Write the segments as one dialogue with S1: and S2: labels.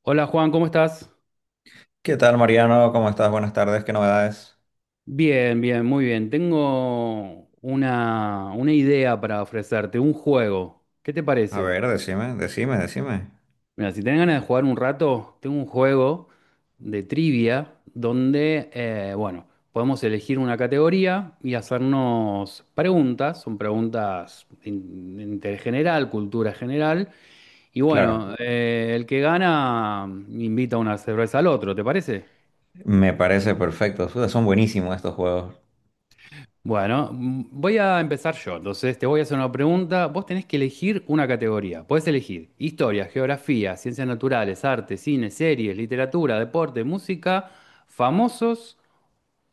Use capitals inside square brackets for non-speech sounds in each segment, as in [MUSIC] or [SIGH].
S1: Hola Juan, ¿cómo estás?
S2: ¿Qué tal, Mariano? ¿Cómo estás? Buenas tardes, ¿qué novedades?
S1: Bien, bien, muy bien. Tengo una idea para ofrecerte, un juego. ¿Qué te
S2: A
S1: parece?
S2: ver, decime.
S1: Mira, si tenés ganas de jugar un rato, tengo un juego de trivia donde, bueno, podemos elegir una categoría y hacernos preguntas. Son de interés general, cultura general. Y bueno,
S2: Claro,
S1: el que gana invita una cerveza al otro, ¿te parece?
S2: me parece perfecto. Suda, son buenísimos estos juegos.
S1: Bueno, voy a empezar yo. Entonces, te voy a hacer una pregunta. Vos tenés que elegir una categoría. Podés elegir historia, geografía, ciencias naturales, arte, cine, series, literatura, deporte, música, famosos,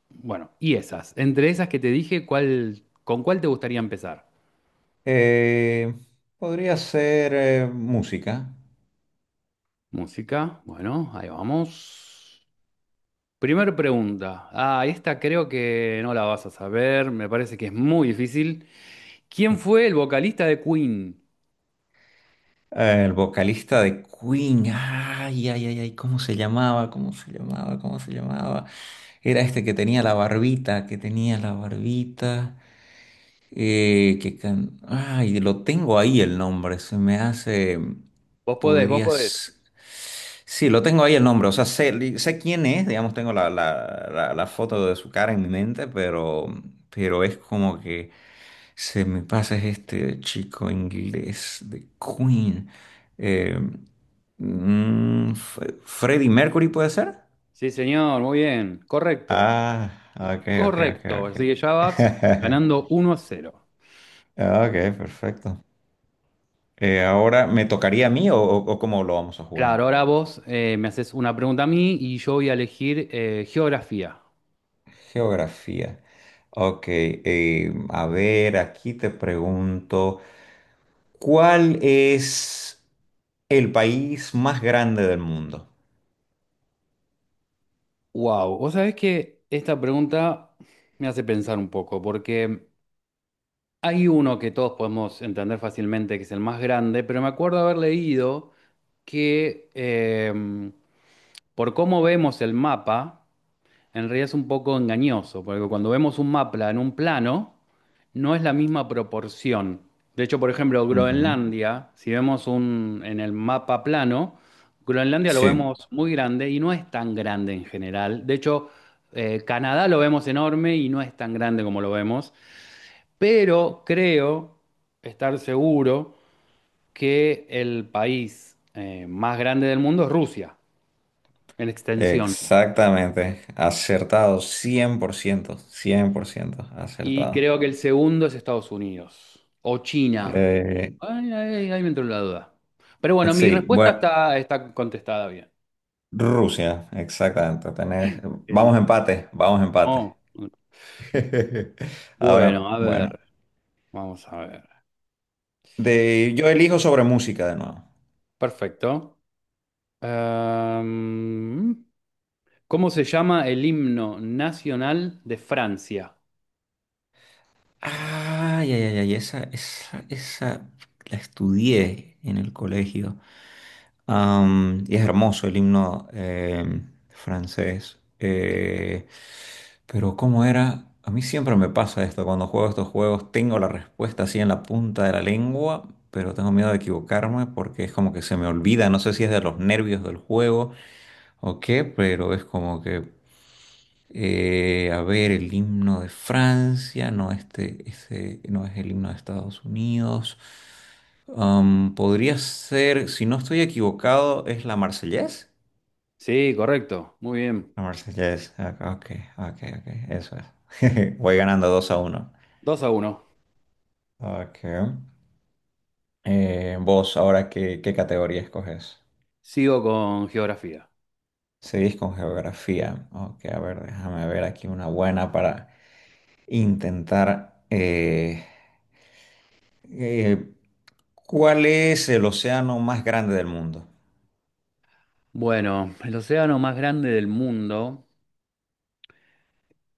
S1: bueno, y esas. Entre esas que te dije, ¿con cuál te gustaría empezar?
S2: Eh, Podría ser música.
S1: Música, bueno, ahí vamos. Primer pregunta. Ah, esta creo que no la vas a saber. Me parece que es muy difícil. ¿Quién fue el vocalista de Queen?
S2: El vocalista de Queen. Ay, ay, ay, ay, ¿cómo se llamaba? Era este que tenía la barbita, Ay, lo tengo ahí el nombre, se me hace...
S1: Vos podés, vos podés.
S2: Podrías... Sí, lo tengo ahí el nombre, o sea, sé quién es, digamos, tengo la foto de su cara en mi mente, pero es como que se me pasa, es este chico inglés de Queen. Eh, ¿Freddie Mercury puede ser?
S1: Sí, señor, muy bien. Correcto.
S2: Ah, ok, ok, ok,
S1: Correcto. Así que ya
S2: ok.
S1: vas
S2: [LAUGHS]
S1: ganando 1-0.
S2: Ok, perfecto. Ahora, ¿me tocaría a mí o, o cómo lo vamos a jugar?
S1: Claro, ahora vos me haces una pregunta a mí y yo voy a elegir geografía.
S2: Geografía. Ok, a ver, aquí te pregunto, ¿cuál es el país más grande del mundo?
S1: Wow, vos sabés que esta pregunta me hace pensar un poco, porque hay uno que todos podemos entender fácilmente, que es el más grande, pero me acuerdo haber leído que por cómo vemos el mapa. En realidad es un poco engañoso, porque cuando vemos un mapa en un plano, no es la misma proporción. De hecho, por ejemplo,
S2: Ujú.
S1: Groenlandia, si en el mapa plano, Groenlandia lo
S2: Sí,
S1: vemos muy grande y no es tan grande en general. De hecho, Canadá lo vemos enorme y no es tan grande como lo vemos. Pero creo estar seguro que el país más grande del mundo es Rusia, en extensión.
S2: exactamente. Acertado, cien por ciento,
S1: Y
S2: acertado.
S1: creo que el segundo es Estados Unidos o China.
S2: Eh,
S1: Ay, ay, ahí me entró la duda. Pero bueno, mi
S2: sí,
S1: respuesta
S2: bueno,
S1: está contestada bien.
S2: Rusia, exactamente. Tenés...
S1: Genial.
S2: vamos empate.
S1: No.
S2: [LAUGHS]
S1: Bueno,
S2: Ahora,
S1: a
S2: bueno.
S1: ver, vamos a ver.
S2: De Yo elijo sobre música de nuevo.
S1: Perfecto. Em, ¿Cómo se llama el himno nacional de Francia?
S2: Ay, ay, ay, ay, esa la estudié en el colegio. Am, y es hermoso el himno francés. Pero ¿cómo era? A mí siempre me pasa esto, cuando juego estos juegos tengo la respuesta así en la punta de la lengua, pero tengo miedo de equivocarme porque es como que se me olvida, no sé si es de los nervios del juego o qué, pero es como que... A ver, el himno de Francia, no, este, ese no es el himno de Estados Unidos. Am, podría ser, si no estoy equivocado, ¿es la Marsellesa?
S1: Sí, correcto. Muy bien.
S2: La Marsellesa, ok, eso es. [LAUGHS] Voy ganando 2 a uno.
S1: 2-1.
S2: Ok. Vos, ahora, qué categoría escoges?
S1: Sigo con geografía.
S2: Seguís con geografía. Ok, a ver, déjame ver aquí una buena para intentar. Eh, ¿Cuál es el océano más grande del mundo?
S1: Bueno, el océano más grande del mundo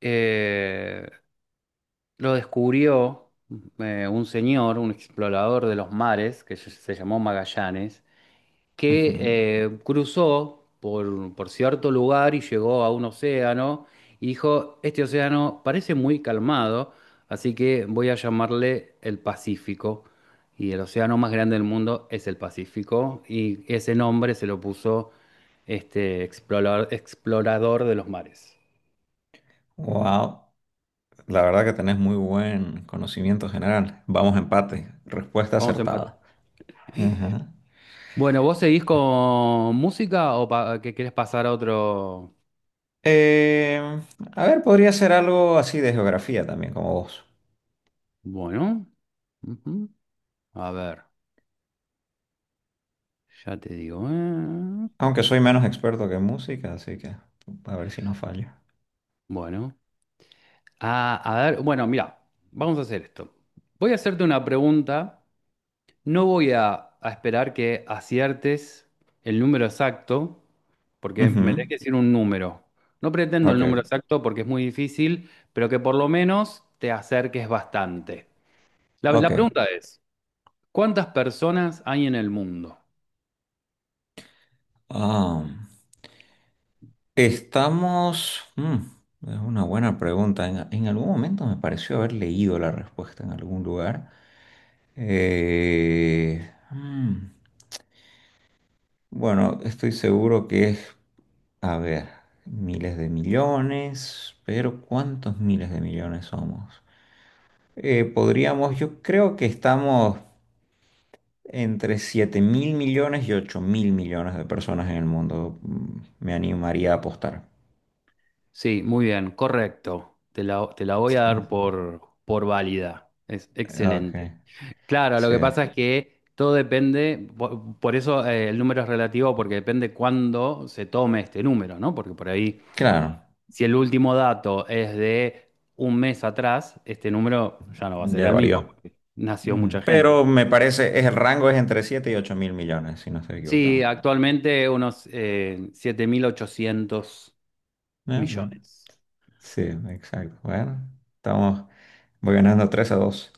S1: eh, lo descubrió un señor, un explorador de los mares, que se llamó Magallanes,
S2: Ujú.
S1: que cruzó por cierto lugar y llegó a un océano y dijo, este océano parece muy calmado, así que voy a llamarle el Pacífico. Y el océano más grande del mundo es el Pacífico, y ese nombre se lo puso este explorador de los mares.
S2: Wow, la verdad que tenés muy buen conocimiento general. Vamos a empate. Respuesta
S1: Vamos a empatar.
S2: acertada. Ujú.
S1: Bueno, ¿vos seguís con música o que querés pasar a otro?
S2: Eh, a ver, podría ser algo así de geografía también, como vos.
S1: Bueno, ujú. A ver, ya te digo.
S2: Aunque soy menos experto que en música, así que a ver si no fallo.
S1: Bueno, ah, a ver, bueno, mira, vamos a hacer esto. Voy a hacerte una pregunta. No a esperar que aciertes el número exacto, porque me tenés que
S2: Ujú.
S1: decir un número. No pretendo el
S2: Ok,
S1: número exacto porque es muy difícil, pero que por lo menos te acerques bastante. La pregunta
S2: ok.
S1: es. ¿Cuántas personas hay en el mundo?
S2: Ah. Estamos... es una buena pregunta. En algún momento me pareció haber leído la respuesta en algún lugar. Eh, mm, bueno, estoy seguro que es, a ver, miles de millones, pero ¿cuántos miles de millones somos? Podríamos, yo creo que estamos entre 7.000 millones y 8.000 millones de personas en el mundo. Me animaría a apostar.
S1: Sí, muy bien, correcto. Te la voy a
S2: Sí,
S1: dar por válida. Es
S2: ok,
S1: excelente. Claro, lo
S2: sí,
S1: que pasa es que todo depende, por eso, el número es relativo, porque depende cuándo se tome este número, ¿no? Porque por ahí,
S2: claro.
S1: si el último dato es de un mes atrás, este número ya no va a ser
S2: Ya
S1: el mismo,
S2: varió.
S1: porque nació mucha
S2: Ujú.
S1: gente.
S2: Pero me parece, el rango es entre 7 y 8.000 millones, si no estoy
S1: Sí,
S2: equivocado.
S1: actualmente unos siete mil ochocientos
S2: Ya, ya.
S1: millones.
S2: Sí, exacto. Bueno, estamos, voy ganando tres a dos.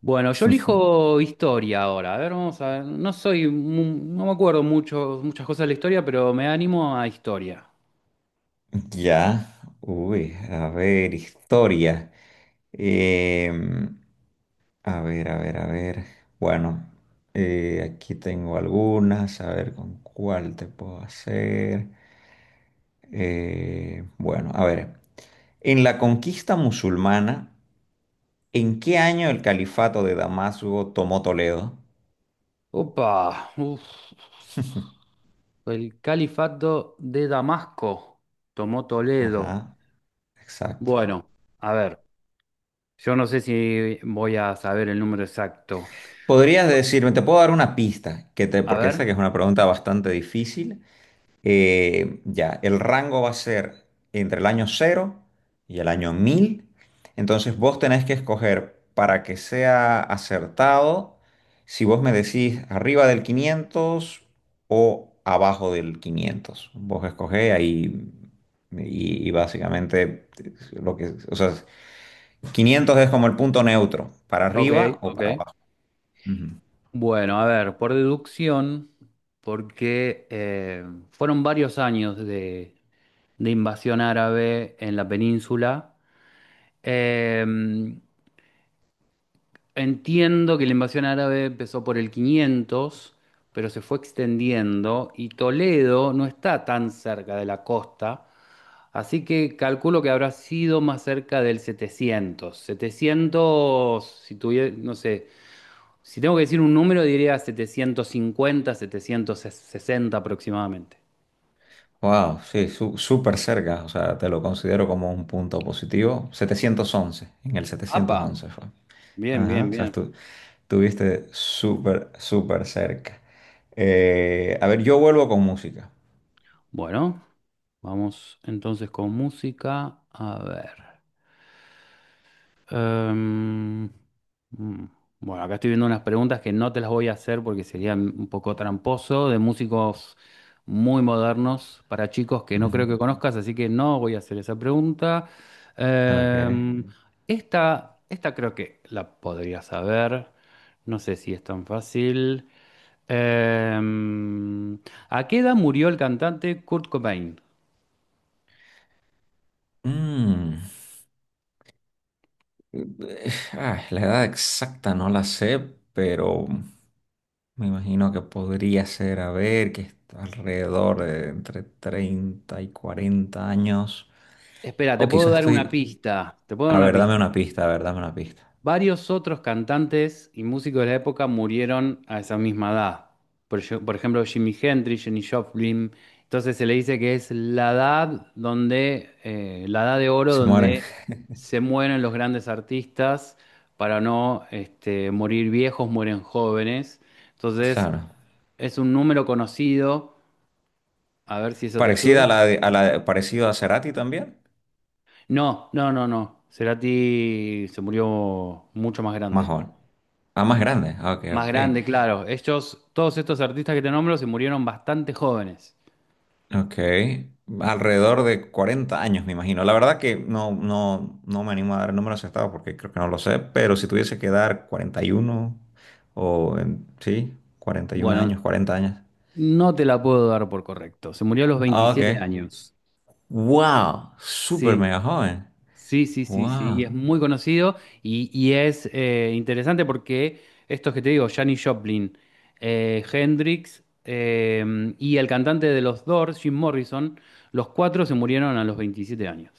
S1: Bueno, yo
S2: [LAUGHS]
S1: elijo historia ahora. A ver, vamos a ver. No me acuerdo mucho, muchas cosas de la historia, pero me animo a historia.
S2: Ya, uy, a ver, historia. Em, a ver, a ver. Bueno, aquí tengo algunas, a ver con cuál te puedo hacer. Bueno, a ver. En la conquista musulmana, ¿en qué año el califato de Damasco tomó Toledo?
S1: Opa, uf, el califato de Damasco tomó Toledo.
S2: Ajá, exacto.
S1: Bueno, a ver, yo no sé si voy a saber el número exacto.
S2: Podrías decirme, te puedo dar una pista, que te,
S1: A
S2: porque esa
S1: ver,
S2: que es una pregunta bastante difícil. Ya, el rango va a ser entre el año cero y el año 1000. Entonces vos tenés que escoger, para que sea acertado, si vos me decís arriba del 500 o abajo del quinientos. Vos escogés ahí y básicamente lo que, o sea, 500 es como el punto neutro, para
S1: ok,
S2: arriba o
S1: ok.
S2: para abajo. Ujú.
S1: Bueno, a ver, por deducción, porque fueron varios años de invasión árabe en la península. Eh, entiendo que la invasión árabe empezó por el 500, pero se fue extendiendo y Toledo no está tan cerca de la costa, así que calculo que habrá sido más cerca del 700, 700. Si tuviera, no sé, si tengo que decir un número diría 750, 760 aproximadamente.
S2: Wow, sí, súper cerca, o sea, te lo considero como un punto positivo. 711. En el setecientos
S1: ¡Apa!
S2: once fue.
S1: Bien,
S2: Ajá,
S1: bien,
S2: o sea,
S1: bien.
S2: estuviste súper, súper cerca. A ver, yo vuelvo con música.
S1: Bueno, vamos entonces con música. A ver. Em, mm, bueno, acá estoy viendo unas preguntas que no te las voy a hacer porque serían un poco tramposo, de músicos muy modernos para chicos que no creo
S2: Ujú.
S1: que conozcas, así que no voy a hacer esa pregunta.
S2: Ok.
S1: Em, esta creo que la podrías saber, no sé si es tan fácil. Em, ¿A qué edad murió el cantante Kurt Cobain?
S2: Mm, la edad exacta no la sé, pero me imagino que podría ser, a ver, que está alrededor de entre 30 y 40 años.
S1: Espera, te
S2: O
S1: puedo
S2: quizás
S1: dar una
S2: estoy...
S1: pista, te puedo dar
S2: A
S1: una
S2: ver, dame una
S1: pista.
S2: pista, a ver, dame una pista.
S1: Varios otros cantantes y músicos de la época murieron a esa misma edad. Por ejemplo, Jimi Hendrix, Jenny Joplin. Entonces se le dice que es la edad donde, la edad de oro
S2: Se mueren.
S1: donde se mueren los grandes artistas para no morir viejos, mueren jóvenes. Entonces
S2: Claro.
S1: es un número conocido. A ver si eso te
S2: Parecida a
S1: ayuda.
S2: la de, parecido a Cerati también.
S1: No, no, no, no. Cerati se murió mucho más
S2: Más
S1: grande.
S2: joven. Ah, más grande. Ah, ok,
S1: Más
S2: ok.
S1: grande, claro. Estos todos estos artistas que te nombro, se murieron bastante jóvenes.
S2: Ok. Alrededor de 40 años, me imagino. La verdad que no, no me animo a dar el número acertado porque creo que no lo sé, pero si tuviese que dar 41 sí,
S1: Mm.
S2: 41 años,
S1: Bueno,
S2: 40 años.
S1: no te la puedo dar por correcto. Se murió a los
S2: Ah, ok.
S1: 27 años.
S2: Wow, súper
S1: Sí,
S2: mega joven.
S1: sí, sí, sí, sí. Y
S2: Wow.
S1: es muy conocido y es interesante porque estos que te digo, Janis Joplin, Hendrix y el cantante de los Doors, Jim Morrison, los cuatro se murieron a los 27 años.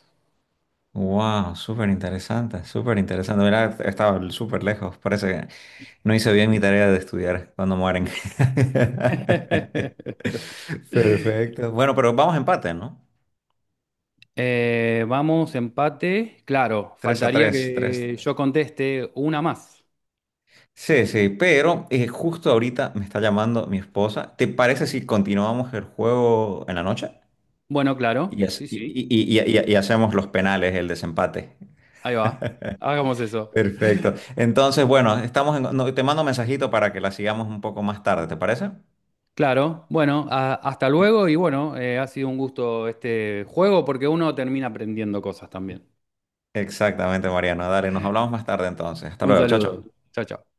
S2: Wow, súper interesante, súper interesante. Mira, estaba súper lejos. Parece que no hice bien mi tarea de estudiar cuando mueren. [LAUGHS]
S1: [LAUGHS]
S2: Perfecto. Bueno, pero vamos a empate, ¿no?
S1: Vamos, empate. Claro,
S2: Tres a
S1: faltaría
S2: tres, tres.
S1: que yo conteste una más.
S2: Sí, sí, pero justo ahorita me está llamando mi esposa. ¿Te parece si continuamos el juego en la noche?
S1: Bueno,
S2: Y,
S1: claro, sí, sí.
S2: y hacemos los penales, el desempate.
S1: Ahí va. Hagamos eso.
S2: Perfecto. Entonces, bueno, no, te mando un mensajito para que la sigamos un poco más tarde, ¿te parece?
S1: Claro, bueno, hasta luego y bueno, ha sido un gusto este juego porque uno termina aprendiendo cosas también.
S2: Exactamente, Mariano. Dale, nos hablamos más tarde entonces. Hasta
S1: Un
S2: luego, chao, chao.
S1: saludo. Chao, chao.